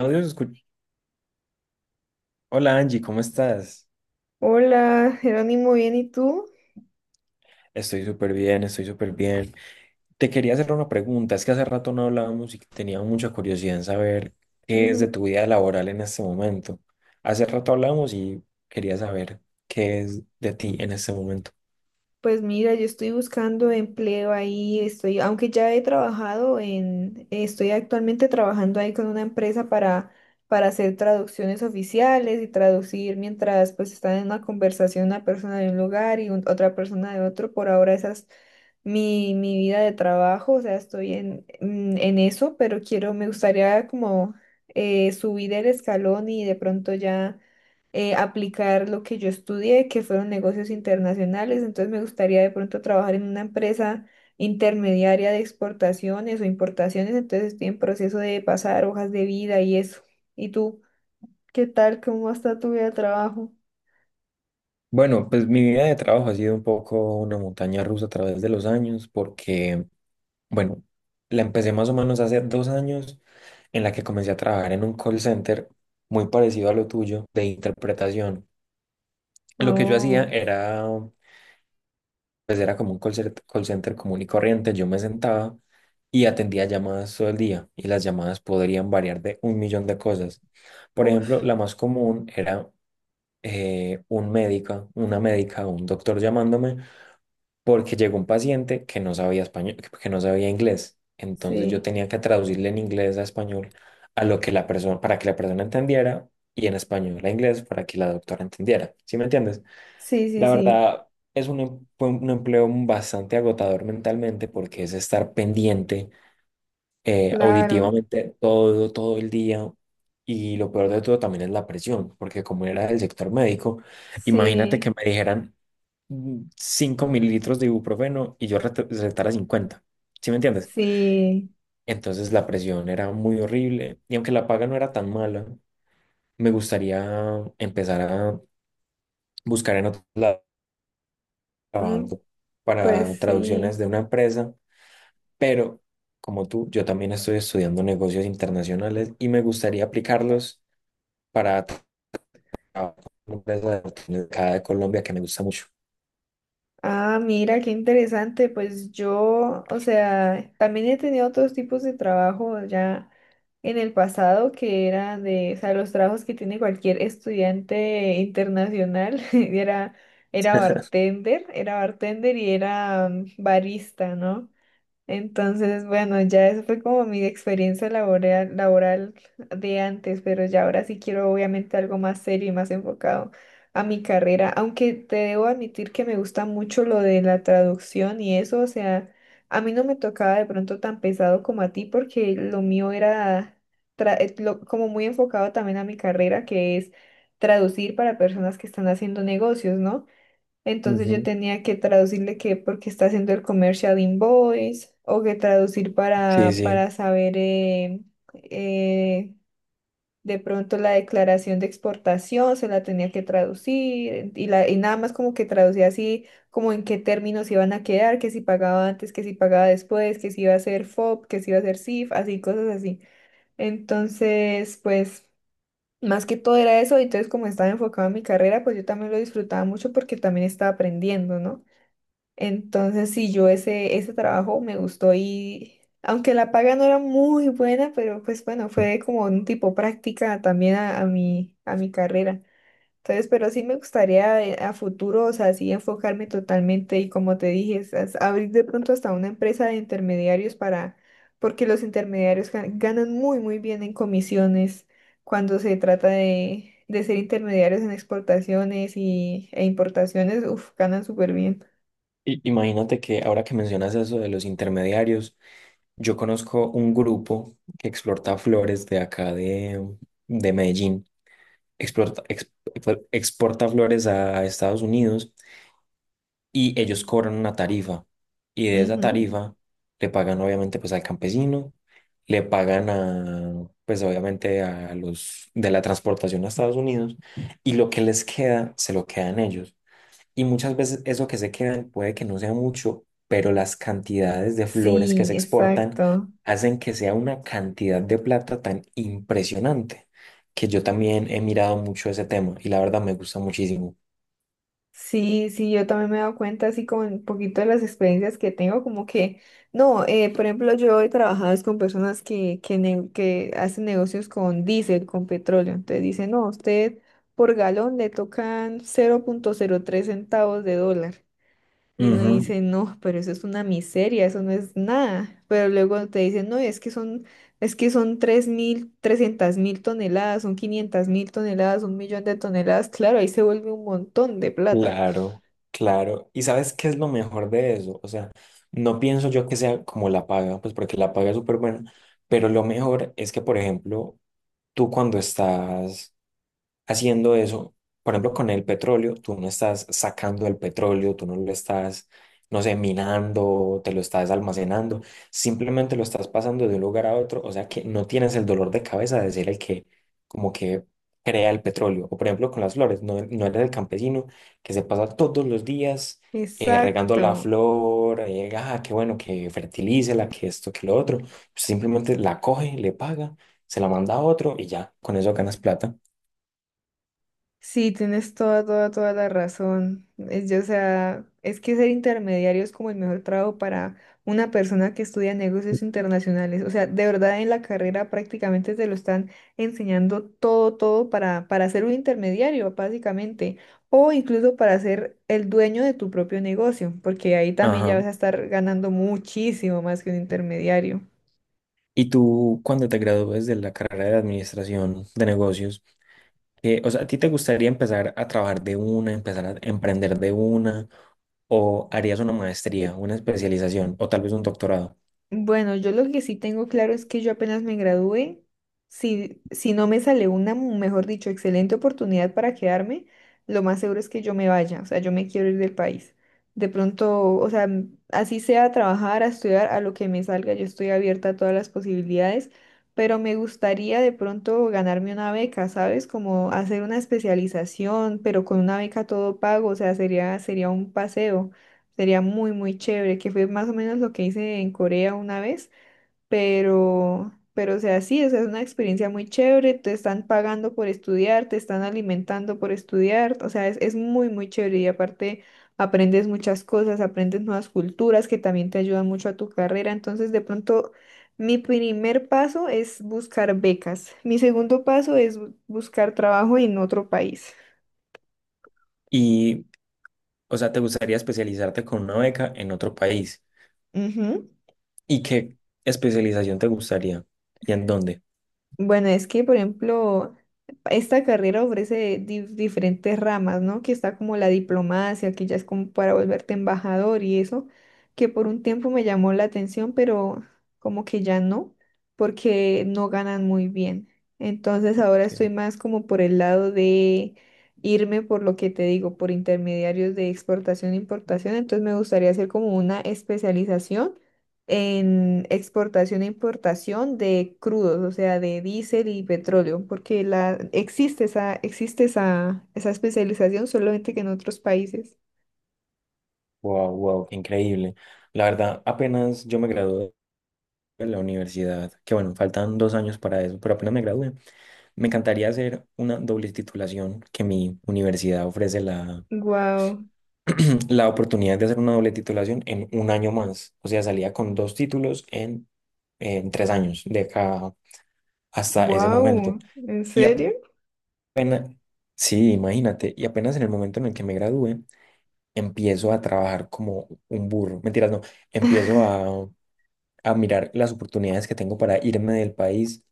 Audio se escu- Hola Angie, ¿cómo estás? Hola, Jerónimo, bien, ¿y tú? Estoy súper bien, estoy súper bien. Te quería hacer una pregunta, es que hace rato no hablábamos y tenía mucha curiosidad en saber qué es de Ujú. tu vida laboral en este momento. Hace rato hablamos y quería saber qué es de ti en este momento. Pues mira, yo estoy buscando empleo ahí, estoy, aunque ya he trabajado en, estoy actualmente trabajando ahí con una empresa para hacer traducciones oficiales y traducir mientras pues están en una conversación una persona de un lugar y otra persona de otro. Por ahora esa es mi vida de trabajo, o sea, estoy en, en eso, pero quiero, me gustaría como subir el escalón y de pronto ya aplicar lo que yo estudié, que fueron negocios internacionales. Entonces me gustaría de pronto trabajar en una empresa intermediaria de exportaciones o importaciones. Entonces estoy en proceso de pasar hojas de vida y eso. ¿Y tú? ¿Qué tal? ¿Cómo está tu vida de trabajo? Bueno, pues mi vida de trabajo ha sido un poco una montaña rusa a través de los años porque, bueno, la empecé más o menos hace 2 años en la que comencé a trabajar en un call center muy parecido a lo tuyo de interpretación. Lo que yo hacía Oh, era, pues era como un call center común y corriente. Yo me sentaba y atendía llamadas todo el día y las llamadas podrían variar de un millón de cosas. Por ejemplo, uff, la más común era un médico, una médica o un doctor llamándome porque llegó un paciente que no sabía español, que no sabía inglés. Entonces yo sí, tenía que traducirle en inglés a español a lo que la persona, para que la persona entendiera y en español a inglés para que la doctora entendiera. ¿Sí me entiendes? sí, sí, La sí, verdad, fue un empleo bastante agotador mentalmente porque es estar pendiente claro, auditivamente todo, todo el día. Y lo peor de todo también es la presión, porque como era del sector médico, imagínate que sí, me dijeran 5 mililitros de ibuprofeno y yo recetara 50. ¿Sí me entiendes? sí, Entonces la presión era muy horrible y aunque la paga no era tan mala, me gustaría empezar a buscar en otros lados mm, trabajando para pues traducciones sí. de una empresa, pero como tú, yo también estoy estudiando negocios internacionales y me gustaría aplicarlos para trabajar con una empresa de acá de Colombia que me gusta mucho. Ah, mira, qué interesante. Pues yo, o sea, también he tenido otros tipos de trabajo ya en el pasado que eran de, o sea, los trabajos que tiene cualquier estudiante internacional. Era bartender y era barista, ¿no? Entonces, bueno, ya eso fue como mi experiencia laboral, laboral de antes, pero ya ahora sí quiero obviamente algo más serio y más enfocado a mi carrera, aunque te debo admitir que me gusta mucho lo de la traducción y eso, o sea, a mí no me tocaba de pronto tan pesado como a ti porque lo mío era como muy enfocado también a mi carrera, que es traducir para personas que están haciendo negocios, ¿no? Entonces yo Ujú. tenía que traducirle que porque está haciendo el commercial invoice o que traducir Sí, para, sí. para saber eh, de pronto la declaración de exportación, se la tenía que traducir y nada más como que traducía así como en qué términos iban a quedar, que si pagaba antes, que si pagaba después, que si iba a ser FOB, que si iba a ser CIF, así cosas así. Entonces, pues. Más que todo era eso, y entonces como estaba enfocado en mi carrera, pues yo también lo disfrutaba mucho porque también estaba aprendiendo, ¿no? Entonces, sí, yo ese trabajo me gustó y aunque la paga no era muy buena, pero pues bueno, fue como un tipo práctica también a mi carrera. Entonces, pero sí me gustaría a futuro, o sea, sí enfocarme totalmente y como te dije, es abrir de pronto hasta una empresa de intermediarios para, porque los intermediarios ganan muy, muy bien en comisiones cuando se trata de ser intermediarios en exportaciones e importaciones, uf, ganan súper bien. Imagínate que ahora que mencionas eso de los intermediarios, yo conozco un grupo que exporta flores de acá de Medellín, exporta, ex- exporta flores a Estados Unidos y ellos cobran una tarifa y de esa Ujú. tarifa le pagan obviamente pues al campesino, le pagan a pues obviamente a los de la transportación a Estados Unidos y lo que les queda se lo quedan ellos. Y muchas veces eso que se quedan puede que no sea mucho, pero las cantidades de flores que se Sí, exportan exacto. hacen que sea una cantidad de plata tan impresionante que yo también he mirado mucho ese tema y la verdad me gusta muchísimo. Sí, sí, yo también me he dado cuenta así como un poquito de las experiencias que tengo, como que, no, por ejemplo, yo he trabajado es con personas que hacen negocios con diésel, con petróleo. Entonces dicen, no, a usted por galón le tocan cero cero punto cero tres centavos de dólar. Y uno Ujú. dice, no, pero eso es una miseria, eso no es nada. Pero luego te dicen, no, es que son 3.000, 300.000 toneladas, son 500.000 toneladas, un millón de toneladas. Claro, ahí se vuelve un montón de plata. Claro, claro. ¿Y sabes qué es lo mejor de eso? O sea, no pienso yo que sea como la paga, pues porque la paga es súper buena, pero lo mejor es que, por ejemplo, tú cuando estás haciendo eso, por ejemplo, con el petróleo, tú no estás sacando el petróleo, tú no lo estás, no sé, minando, te lo estás almacenando, simplemente lo estás pasando de un lugar a otro, o sea que no tienes el dolor de cabeza de ser el que como que crea el petróleo. O por ejemplo, con las flores, no, no eres el campesino que se pasa todos los días, regando la Exacto. flor, ah, qué bueno que fertilice la, que esto, que lo otro, simplemente la coge, le paga, se la manda a otro y ya, con eso ganas plata. Sí, tienes toda, toda, toda la razón. Es, yo, o sea, es que ser intermediario es como el mejor trabajo para una persona que estudia negocios internacionales. O sea, de verdad en la carrera prácticamente te lo están enseñando todo, todo para ser un intermediario, básicamente. O incluso para ser el dueño de tu propio negocio, porque ahí también ya vas Ajá. a estar ganando muchísimo más que un intermediario. Y tú, cuando te gradúes de la carrera de administración de negocios, o sea, ¿a ti te gustaría empezar a trabajar de una, empezar a emprender de una, o harías una maestría, una especialización, o tal vez un doctorado? Bueno, yo lo que sí tengo claro es que yo apenas me gradué, si no me sale una, mejor dicho, excelente oportunidad para quedarme, lo más seguro es que yo me vaya, o sea, yo me quiero ir del país. De pronto, o sea, así sea a trabajar, a estudiar, a lo que me salga, yo estoy abierta a todas las posibilidades, pero me gustaría de pronto ganarme una beca, ¿sabes? Como hacer una especialización, pero con una beca todo pago, o sea, sería un paseo. Sería muy, muy chévere, que fue más o menos lo que hice en Corea una vez, pero o sea, sí, o sea, es, una experiencia muy chévere, te están pagando por estudiar, te están alimentando por estudiar, o sea, es muy, muy chévere y aparte aprendes muchas cosas, aprendes nuevas culturas que también te ayudan mucho a tu carrera, entonces de pronto mi primer paso es buscar becas, mi segundo paso es buscar trabajo en otro país. Y, o sea, ¿te gustaría especializarte con una beca en otro país? ¿Y qué especialización te gustaría? ¿Y en dónde? Bueno, es que, por ejemplo, esta carrera ofrece diferentes ramas, ¿no? Que está como la diplomacia, que ya es como para volverte embajador y eso, que por un tiempo me llamó la atención, pero como que ya no, porque no ganan muy bien. Entonces ahora Ok. estoy más como por el lado de irme por lo que te digo, por intermediarios de exportación e importación. Entonces me gustaría hacer como una especialización en exportación e importación de crudos, o sea, de diésel y petróleo, porque existe esa especialización solamente que en otros países. Wow, wow, qué increíble. La verdad, apenas yo me gradué de la universidad, que bueno, faltan 2 años para eso, pero apenas me gradué. Me encantaría hacer una doble titulación, que mi universidad ofrece la, Wow, la oportunidad de hacer una doble titulación en un año más. O sea, salía con dos títulos en, 3 años, de acá hasta ese momento. wow, ¿en Y apenas, serio? sí, imagínate, y apenas en el momento en el que me gradúe, empiezo a trabajar como un burro. Mentiras, no, empiezo a mirar las oportunidades que tengo para irme del país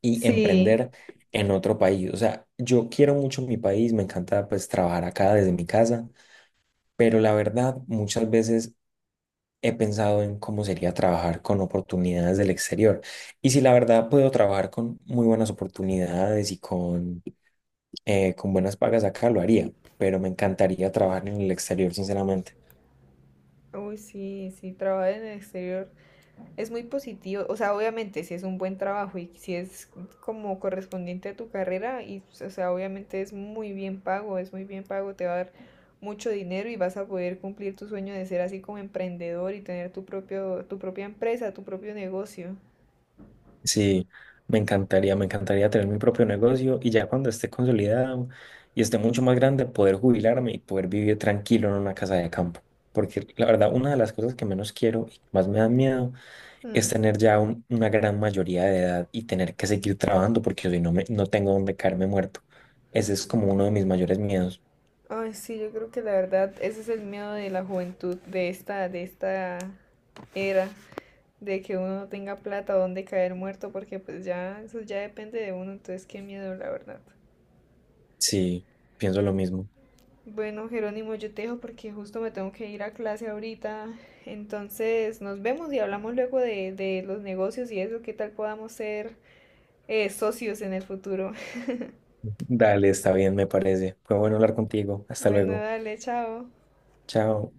y Sí. emprender en otro país. O sea, yo quiero mucho mi país, me encanta pues trabajar acá desde mi casa, pero la verdad muchas veces he pensado en cómo sería trabajar con oportunidades del exterior. Y si la verdad puedo trabajar con muy buenas oportunidades y con buenas pagas acá, lo haría, pero me encantaría trabajar en el exterior, sinceramente. Uy, sí, sí, trabajar en el exterior. Es muy positivo, o sea, obviamente si es un buen trabajo y si es como correspondiente a tu carrera, y, pues, o sea, obviamente es muy bien pago, es muy bien pago, te va a dar mucho dinero y vas a poder cumplir tu sueño de ser así como emprendedor y tener tu propia empresa, tu propio negocio. Sí, me encantaría tener mi propio negocio y ya cuando esté consolidado y esté mucho más grande, poder jubilarme y poder vivir tranquilo en una casa de campo. Porque la verdad, una de las cosas que menos quiero y que más me da miedo Hmm. es tener ya una gran mayoría de edad y tener que seguir trabajando porque si no, no tengo donde caerme muerto. Ese es como uno de mis mayores miedos. Ay, sí, yo creo que la verdad, ese es el miedo de la juventud, de esta era, de que uno no tenga plata o dónde caer muerto, porque pues ya, eso ya depende de uno, entonces qué miedo, la verdad. Sí, pienso lo mismo. Bueno, Jerónimo, yo te dejo porque justo me tengo que ir a clase ahorita. Entonces, nos vemos y hablamos luego de los negocios y eso, qué tal podamos ser socios en el futuro. Dale, está bien, me parece. Fue bueno hablar contigo. Hasta Bueno, luego. dale, chao. Chao.